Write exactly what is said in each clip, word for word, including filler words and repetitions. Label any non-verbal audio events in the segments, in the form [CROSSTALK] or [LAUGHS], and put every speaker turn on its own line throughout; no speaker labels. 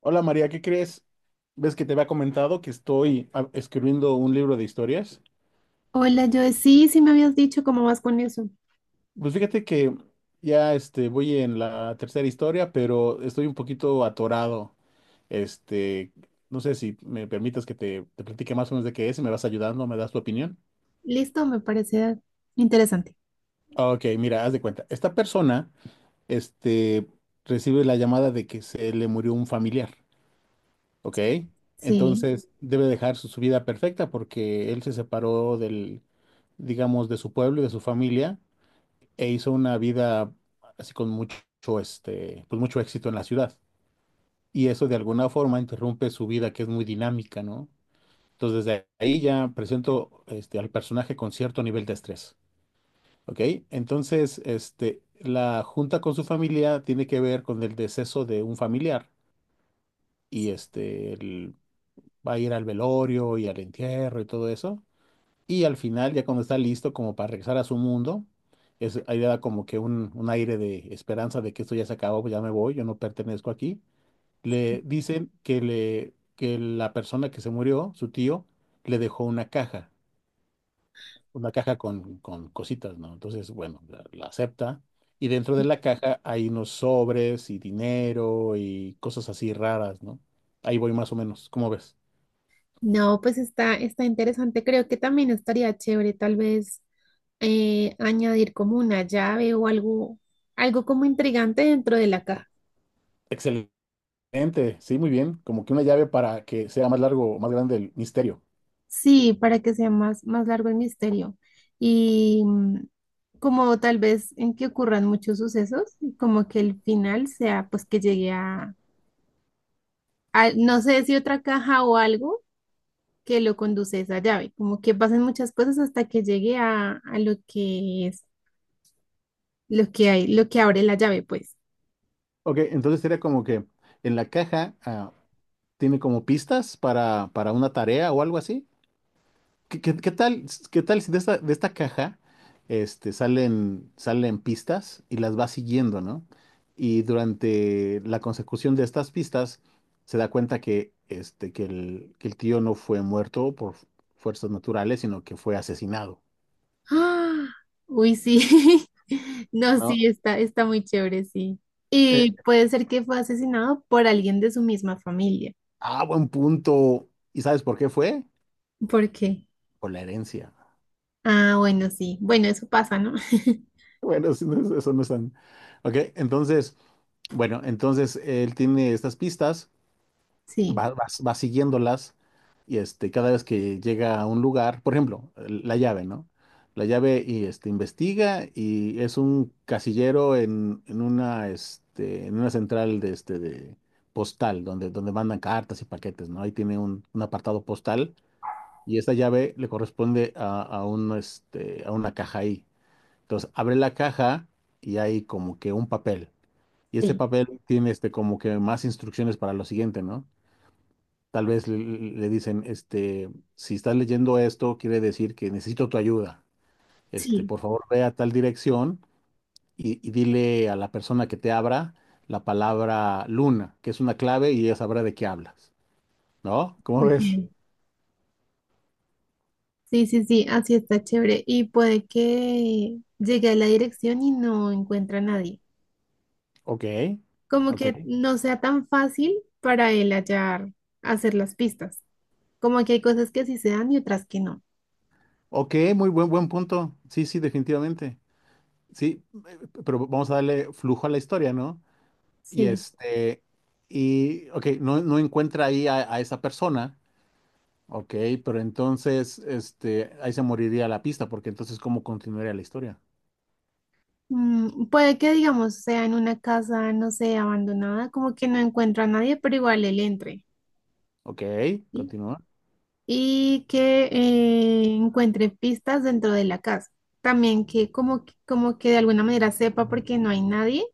Hola María, ¿qué crees? Ves que te había comentado que estoy ah, escribiendo un libro de historias.
Hola, Joe. Sí, sí me habías dicho cómo vas con eso.
Pues fíjate que ya este, voy en la tercera historia, pero estoy un poquito atorado. Este, no sé si me permitas que te, te platique más o menos de qué es, si me vas ayudando, me das tu opinión.
Listo, me parece interesante.
Ok, mira, haz de cuenta. Esta persona, este, recibe la llamada de que se le murió un familiar, ¿ok?
Sí.
Entonces debe dejar su, su vida perfecta porque él se separó del, digamos, de su pueblo y de su familia, e hizo una vida así con mucho, este, pues mucho éxito en la ciudad. Y eso de alguna forma interrumpe su vida, que es muy dinámica, ¿no? Entonces, desde ahí ya presento este, al personaje con cierto nivel de estrés, ¿ok? Entonces, este, la junta con su familia tiene que ver con el deceso de un familiar y este, el- va a ir al velorio y al entierro y todo eso. Y al final, ya cuando está listo como para regresar a su mundo, es, ahí le da como que un, un aire de esperanza de que esto ya se acabó, pues ya me voy, yo no pertenezco aquí. Le dicen que, le, que la persona que se murió, su tío, le dejó una caja, una caja con, con cositas, ¿no? Entonces, bueno, la, la acepta. Y dentro de la caja hay unos sobres y dinero y cosas así raras, ¿no? Ahí voy más o menos, ¿cómo ves?
No, pues está, está interesante. Creo que también estaría chévere tal vez eh, añadir como una llave o algo, algo como intrigante dentro de la caja.
Excelente. Ente, sí, muy bien. Como que una llave para que sea más largo o más grande el misterio.
Sí, para que sea más, más largo el misterio. Y mm, como tal vez en que ocurran muchos sucesos, y como que el final sea pues que llegue a, a- no sé si otra caja o algo que lo conduce esa llave. Como que pasan muchas cosas hasta que llegue a, a lo que es, lo que hay, lo que abre la llave, pues.
Ok, entonces sería como que en la caja ah, tiene como pistas para, para una tarea o algo así. ¿Qué, qué- qué tal, qué tal si de esta, de esta caja este, salen, salen pistas y las va siguiendo, ¿no? Y durante la consecución de estas pistas se da cuenta que, este, que el, que el tío no fue muerto por fuerzas naturales, sino que fue asesinado,
[GASPS] ¡Ah! Uy, sí. [LAUGHS] No, sí,
¿no?
está, está muy chévere, sí.
Eh,
Y puede ser que fue asesinado por alguien de su misma familia.
ah, buen punto. ¿Y sabes por qué fue?
¿Por qué?
Por la herencia.
Ah, bueno, sí. Bueno, eso pasa, ¿no? [LAUGHS]
Bueno, eso no es, eso no es tan... Ok, entonces, bueno, entonces él tiene estas pistas,
Sí,
va, va- va siguiéndolas y este, cada vez que llega a un lugar, por ejemplo, la llave, ¿no? La llave y este, investiga y es un casillero en, en una, este, en una central de, este, de postal donde, donde mandan cartas y paquetes, ¿no? Ahí tiene un, un apartado postal y esta llave le corresponde a, a un, este, a una caja ahí. Entonces abre la caja y hay como que un papel. Y este
sí,
papel tiene este, como que más instrucciones para lo siguiente, ¿no? Tal vez le, le dicen, este, si estás leyendo esto, quiere decir que necesito tu ayuda. Este,
sí.
por favor, ve a tal dirección y, y dile a la persona que te abra la palabra luna, que es una clave y ella sabrá de qué hablas, ¿no? ¿Cómo ves?
Ok. Sí, sí, sí, así está chévere. Y puede que llegue a la dirección y no encuentra a nadie.
Ok,
Como
ok.
que no sea tan fácil para él hallar, hacer las pistas. Como que hay cosas que sí se dan y otras que no.
Ok, muy buen, buen punto. Sí, sí, definitivamente. Sí, eh, pero vamos a darle flujo a la historia, ¿no? Y
Sí.
este, y, ok, no, no encuentra ahí a, a esa persona, ok, pero entonces, este, ahí se moriría la pista, porque entonces, ¿cómo continuaría la historia?
Mm, puede que, digamos, sea en una casa, no sé, abandonada, como que no encuentra a nadie, pero igual él entre,
Ok,
¿sí?
continúa.
Y que eh, encuentre pistas dentro de la casa. También que como, que- como que de alguna manera sepa por qué no hay nadie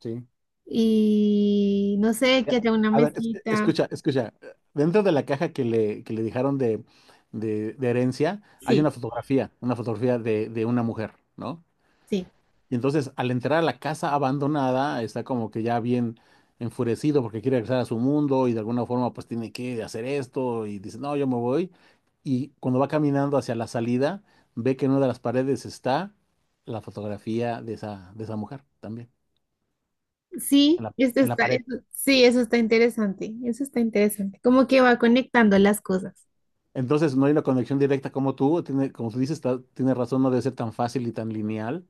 Sí.
y no sé, que
Ya.
haya una
A ver, es-
mesita.
escucha, escucha. Dentro de la caja que le, que le dejaron de, de, de herencia, hay una
Sí,
fotografía, una fotografía de, de una mujer, ¿no?
sí.
Y entonces, al entrar a la casa abandonada, está como que ya bien enfurecido porque quiere regresar a su mundo y de alguna forma pues tiene que hacer esto y dice, no, yo me voy. Y cuando va caminando hacia la salida, ve que en una de las paredes está la fotografía de esa, de esa mujer también, en
Sí,
la,
esto
en la
está,
pared.
eso- sí, eso está interesante, eso está interesante. Como que va conectando las cosas.
Entonces, no hay una conexión directa como tú, tiene, como tú dices, está- tiene razón, no debe ser tan fácil y tan lineal.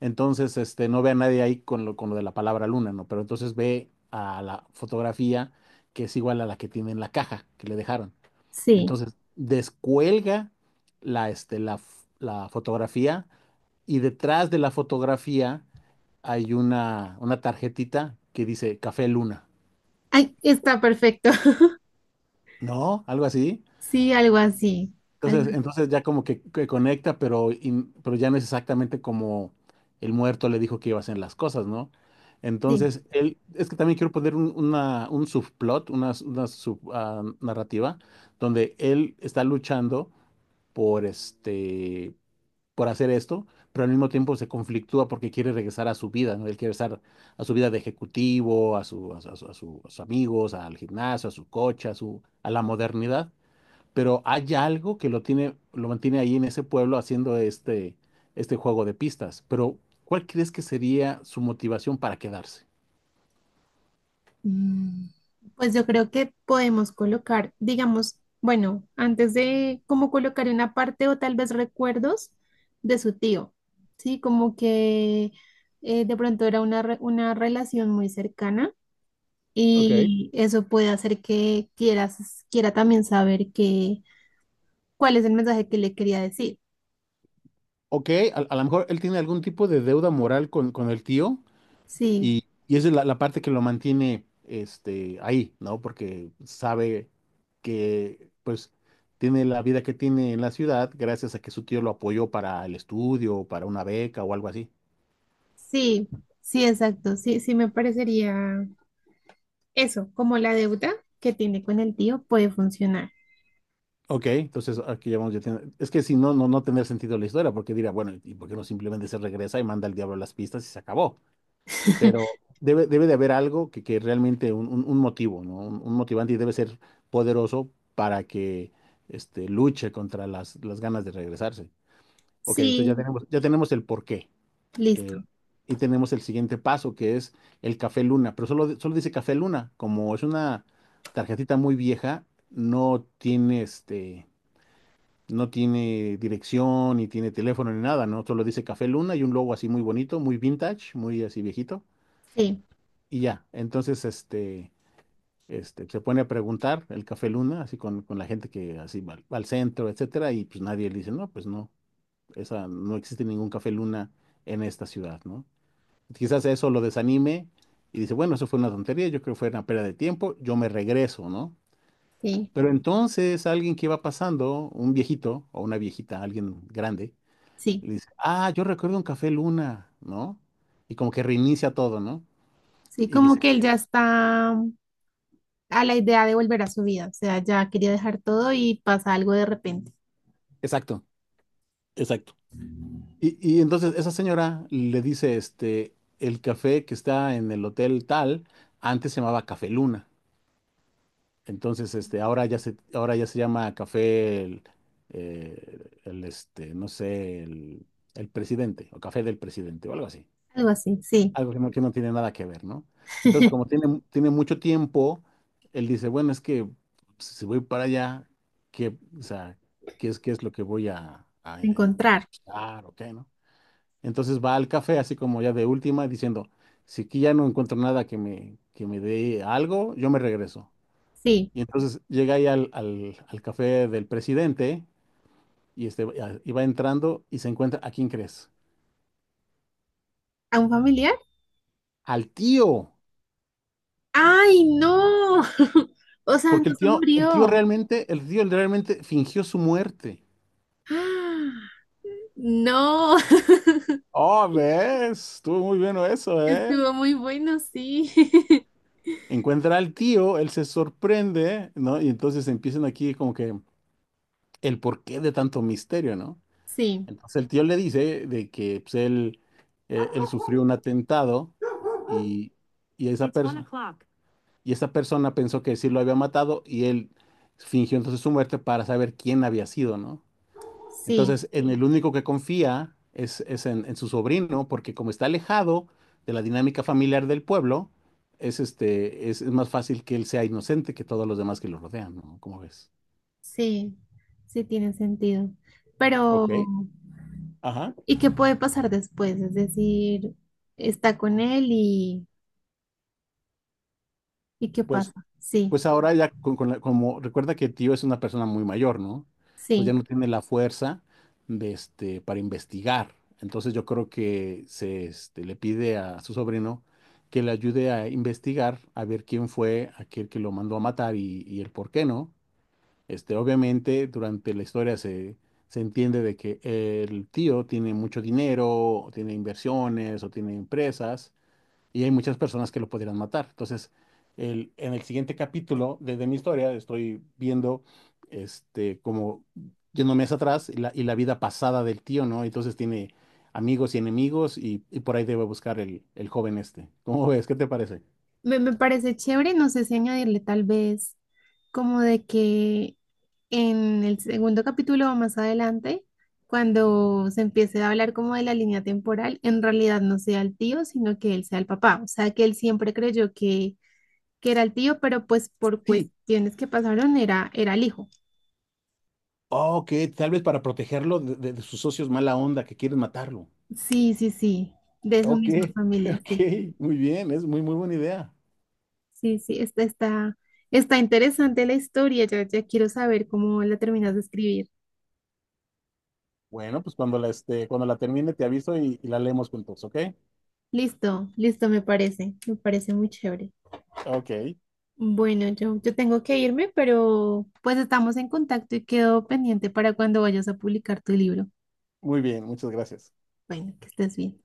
Entonces, este, no ve a nadie ahí con lo, con lo de la palabra luna, ¿no? Pero entonces ve a la fotografía que es igual a la que tiene en la caja que le dejaron.
Sí.
Entonces, descuelga la, este, la, f- la fotografía y detrás de la fotografía hay una, una tarjetita que dice Café Luna,
Ay, está perfecto. [LAUGHS]
¿no? Algo así.
Sí, algo así, algo
Entonces,
así.
entonces ya como que, que conecta, pero, in- pero ya no es exactamente como el muerto le dijo que iba a hacer las cosas, ¿no?
Sí.
Entonces, él, es que también quiero poner un, una- un subplot, una, una sub, ah, narrativa, donde él está luchando por este, por hacer esto, pero al mismo tiempo se conflictúa porque quiere regresar a su vida, ¿no? Él quiere regresar a su vida de ejecutivo, a su, a su- a su- a sus amigos, al gimnasio, a su coche, a su, a la modernidad, pero hay algo que lo tiene, lo mantiene ahí en ese pueblo haciendo este, este juego de pistas. Pero, ¿cuál crees que sería su motivación para quedarse?
Mm, Pues yo creo que podemos colocar, digamos, bueno, antes de como colocar una parte o tal vez recuerdos de su tío, ¿sí? Como que eh, de pronto era una, re- una relación muy cercana.
Ok.
Y eso puede hacer que quieras, quiera también saber que, cuál es el mensaje que le quería decir.
Ok, a, a lo mejor él tiene algún tipo de deuda moral con, con el tío
Sí,
y, y esa es la, la parte que lo mantiene este, ahí, ¿no? Porque sabe que pues tiene la vida que tiene en la ciudad gracias a que su tío lo apoyó para el estudio, para una beca o algo así.
sí, sí, exacto. Sí, sí me parecería eso, como la deuda que tiene con el tío puede funcionar.
Ok, entonces aquí ya vamos, ya tiene- es que si no, no, no tendría sentido la historia, porque diría, bueno, ¿y por qué no simplemente se regresa y manda al diablo las pistas y se acabó?
[LAUGHS]
Pero debe, debe de haber algo que, que realmente, un, un- un motivo, ¿no? Un, un motivante y debe ser poderoso para que este, luche contra las, las ganas de regresarse. Ok, entonces ya
Sí,
tenemos, ya tenemos el porqué.
listo.
eh, y tenemos el siguiente paso, que es el Café Luna, pero solo, solo dice Café Luna, como es una tarjetita muy vieja, no tiene este no tiene dirección, ni tiene teléfono, ni nada, ¿no? Solo dice Café Luna y un logo así muy bonito, muy vintage, muy así viejito.
Sí,
Y ya, entonces este, este, se pone a preguntar el Café Luna, así con, con la gente que así va al, va al centro, etcétera, y pues nadie le dice, no, pues no, esa, no existe ningún Café Luna en esta ciudad, ¿no? Quizás eso lo desanime y dice, bueno, eso fue una tontería, yo creo que fue una pérdida de tiempo, yo me regreso, ¿no?
sí,
Pero entonces alguien que va pasando, un viejito o una viejita, alguien grande,
sí.
y le dice, ah, yo recuerdo un Café Luna, ¿no? Y como que reinicia todo, ¿no?
Sí,
Y
como
dice,
que él ya está a la idea de volver a su vida. O sea, ya quería dejar todo y pasa algo de repente.
exacto, exacto. Y, y entonces esa señora le dice, este, el café que está en el hotel tal, antes se llamaba Café Luna. Entonces, este, ahora ya se, ahora ya se llama Café el, eh, el, este, no sé, el, el presidente, o Café del presidente, o algo así.
Algo así, sí.
Algo que no, que no tiene nada que ver, ¿no? Entonces, como
[LAUGHS]
tiene, tiene mucho tiempo, él dice, bueno, es que pues, si voy para allá, ¿qué, o sea, qué es, qué es lo que voy a, a en- en-
Encontrar,
buscar o qué, ¿no? Entonces va al café, así como ya de última, diciendo, si aquí ya no encuentro nada que me, que me dé algo, yo me regreso.
sí.
Y entonces llega ahí al, al, al café del presidente y, este, y va entrando y se encuentra, ¿a quién crees?
¿A un familiar?
Al tío.
¡Ay, no! [LAUGHS] O sea,
Porque
no
el
se
tío, el tío
murió.
realmente, el tío realmente fingió su muerte.
[GASPS] ¡Ah! No, [LAUGHS]
Oh, ves, estuvo muy bueno eso, ¿eh?
estuvo muy bueno, sí. [LAUGHS]
Encuentra al tío, él se sorprende, ¿no? Y entonces empiezan aquí como que el porqué de tanto misterio, ¿no?
Sí,
Entonces el tío le dice de que pues, él, eh, él sufrió un atentado y, y esa It's persona y esa persona pensó que sí lo había matado y él fingió entonces su muerte para saber quién había sido, ¿no?
sí,
Entonces, en el único que confía es, es en, en su sobrino, porque como está alejado de la dinámica familiar del pueblo, es, este, es, es más fácil que él sea inocente que todos los demás que lo rodean, ¿no? ¿Cómo ves?
sí, sí tiene sentido. Pero,
Ok, ajá.
¿y qué puede pasar después? Es decir, está con él y, ¿y qué
Pues
pasa? Sí,
Pues ahora ya, con- con la- como recuerda que tío es una persona muy mayor, ¿no? Entonces
sí.
ya no tiene la fuerza de este, para investigar. Entonces yo creo que se este, le pide a su sobrino que le ayude a investigar, a ver quién fue aquel que lo mandó a matar y, y el por qué, ¿no? Este, obviamente durante la historia se, se entiende de que el tío tiene mucho dinero, o tiene inversiones o tiene empresas y hay muchas personas que lo pudieran matar. Entonces, el- en el siguiente capítulo de, de mi historia estoy viendo este como yéndome hacia atrás y la, y la vida pasada del tío, ¿no? Entonces tiene amigos y enemigos y, y por ahí debe buscar el, el joven este. ¿Cómo ves? ¿Qué te parece?
Me, me parece chévere, no sé si añadirle tal vez como de que en el segundo capítulo o más adelante, cuando se empiece a hablar como de la línea temporal, en realidad no sea el tío, sino que él sea el papá. O sea, que él siempre creyó que, que era el tío, pero pues por
Sí.
cuestiones que pasaron era, era el hijo.
Ok, tal vez para protegerlo de, de- de sus socios mala onda que quieren matarlo.
Sí, sí, sí, de su
Ok,
misma
[LAUGHS]
familia,
ok,
sí.
muy bien, es muy, muy buena idea.
Sí, sí, está, está, está interesante la historia, ya, ya quiero saber cómo la terminas de escribir.
Bueno, pues cuando la, este, cuando la termine te aviso y, y la leemos juntos, ¿ok?
Listo, listo, me parece, me parece muy chévere.
Ok.
Bueno, yo, yo tengo que irme, pero pues estamos en contacto y quedo pendiente para cuando vayas a publicar tu libro.
Muy bien, muchas gracias.
Bueno, que estés bien.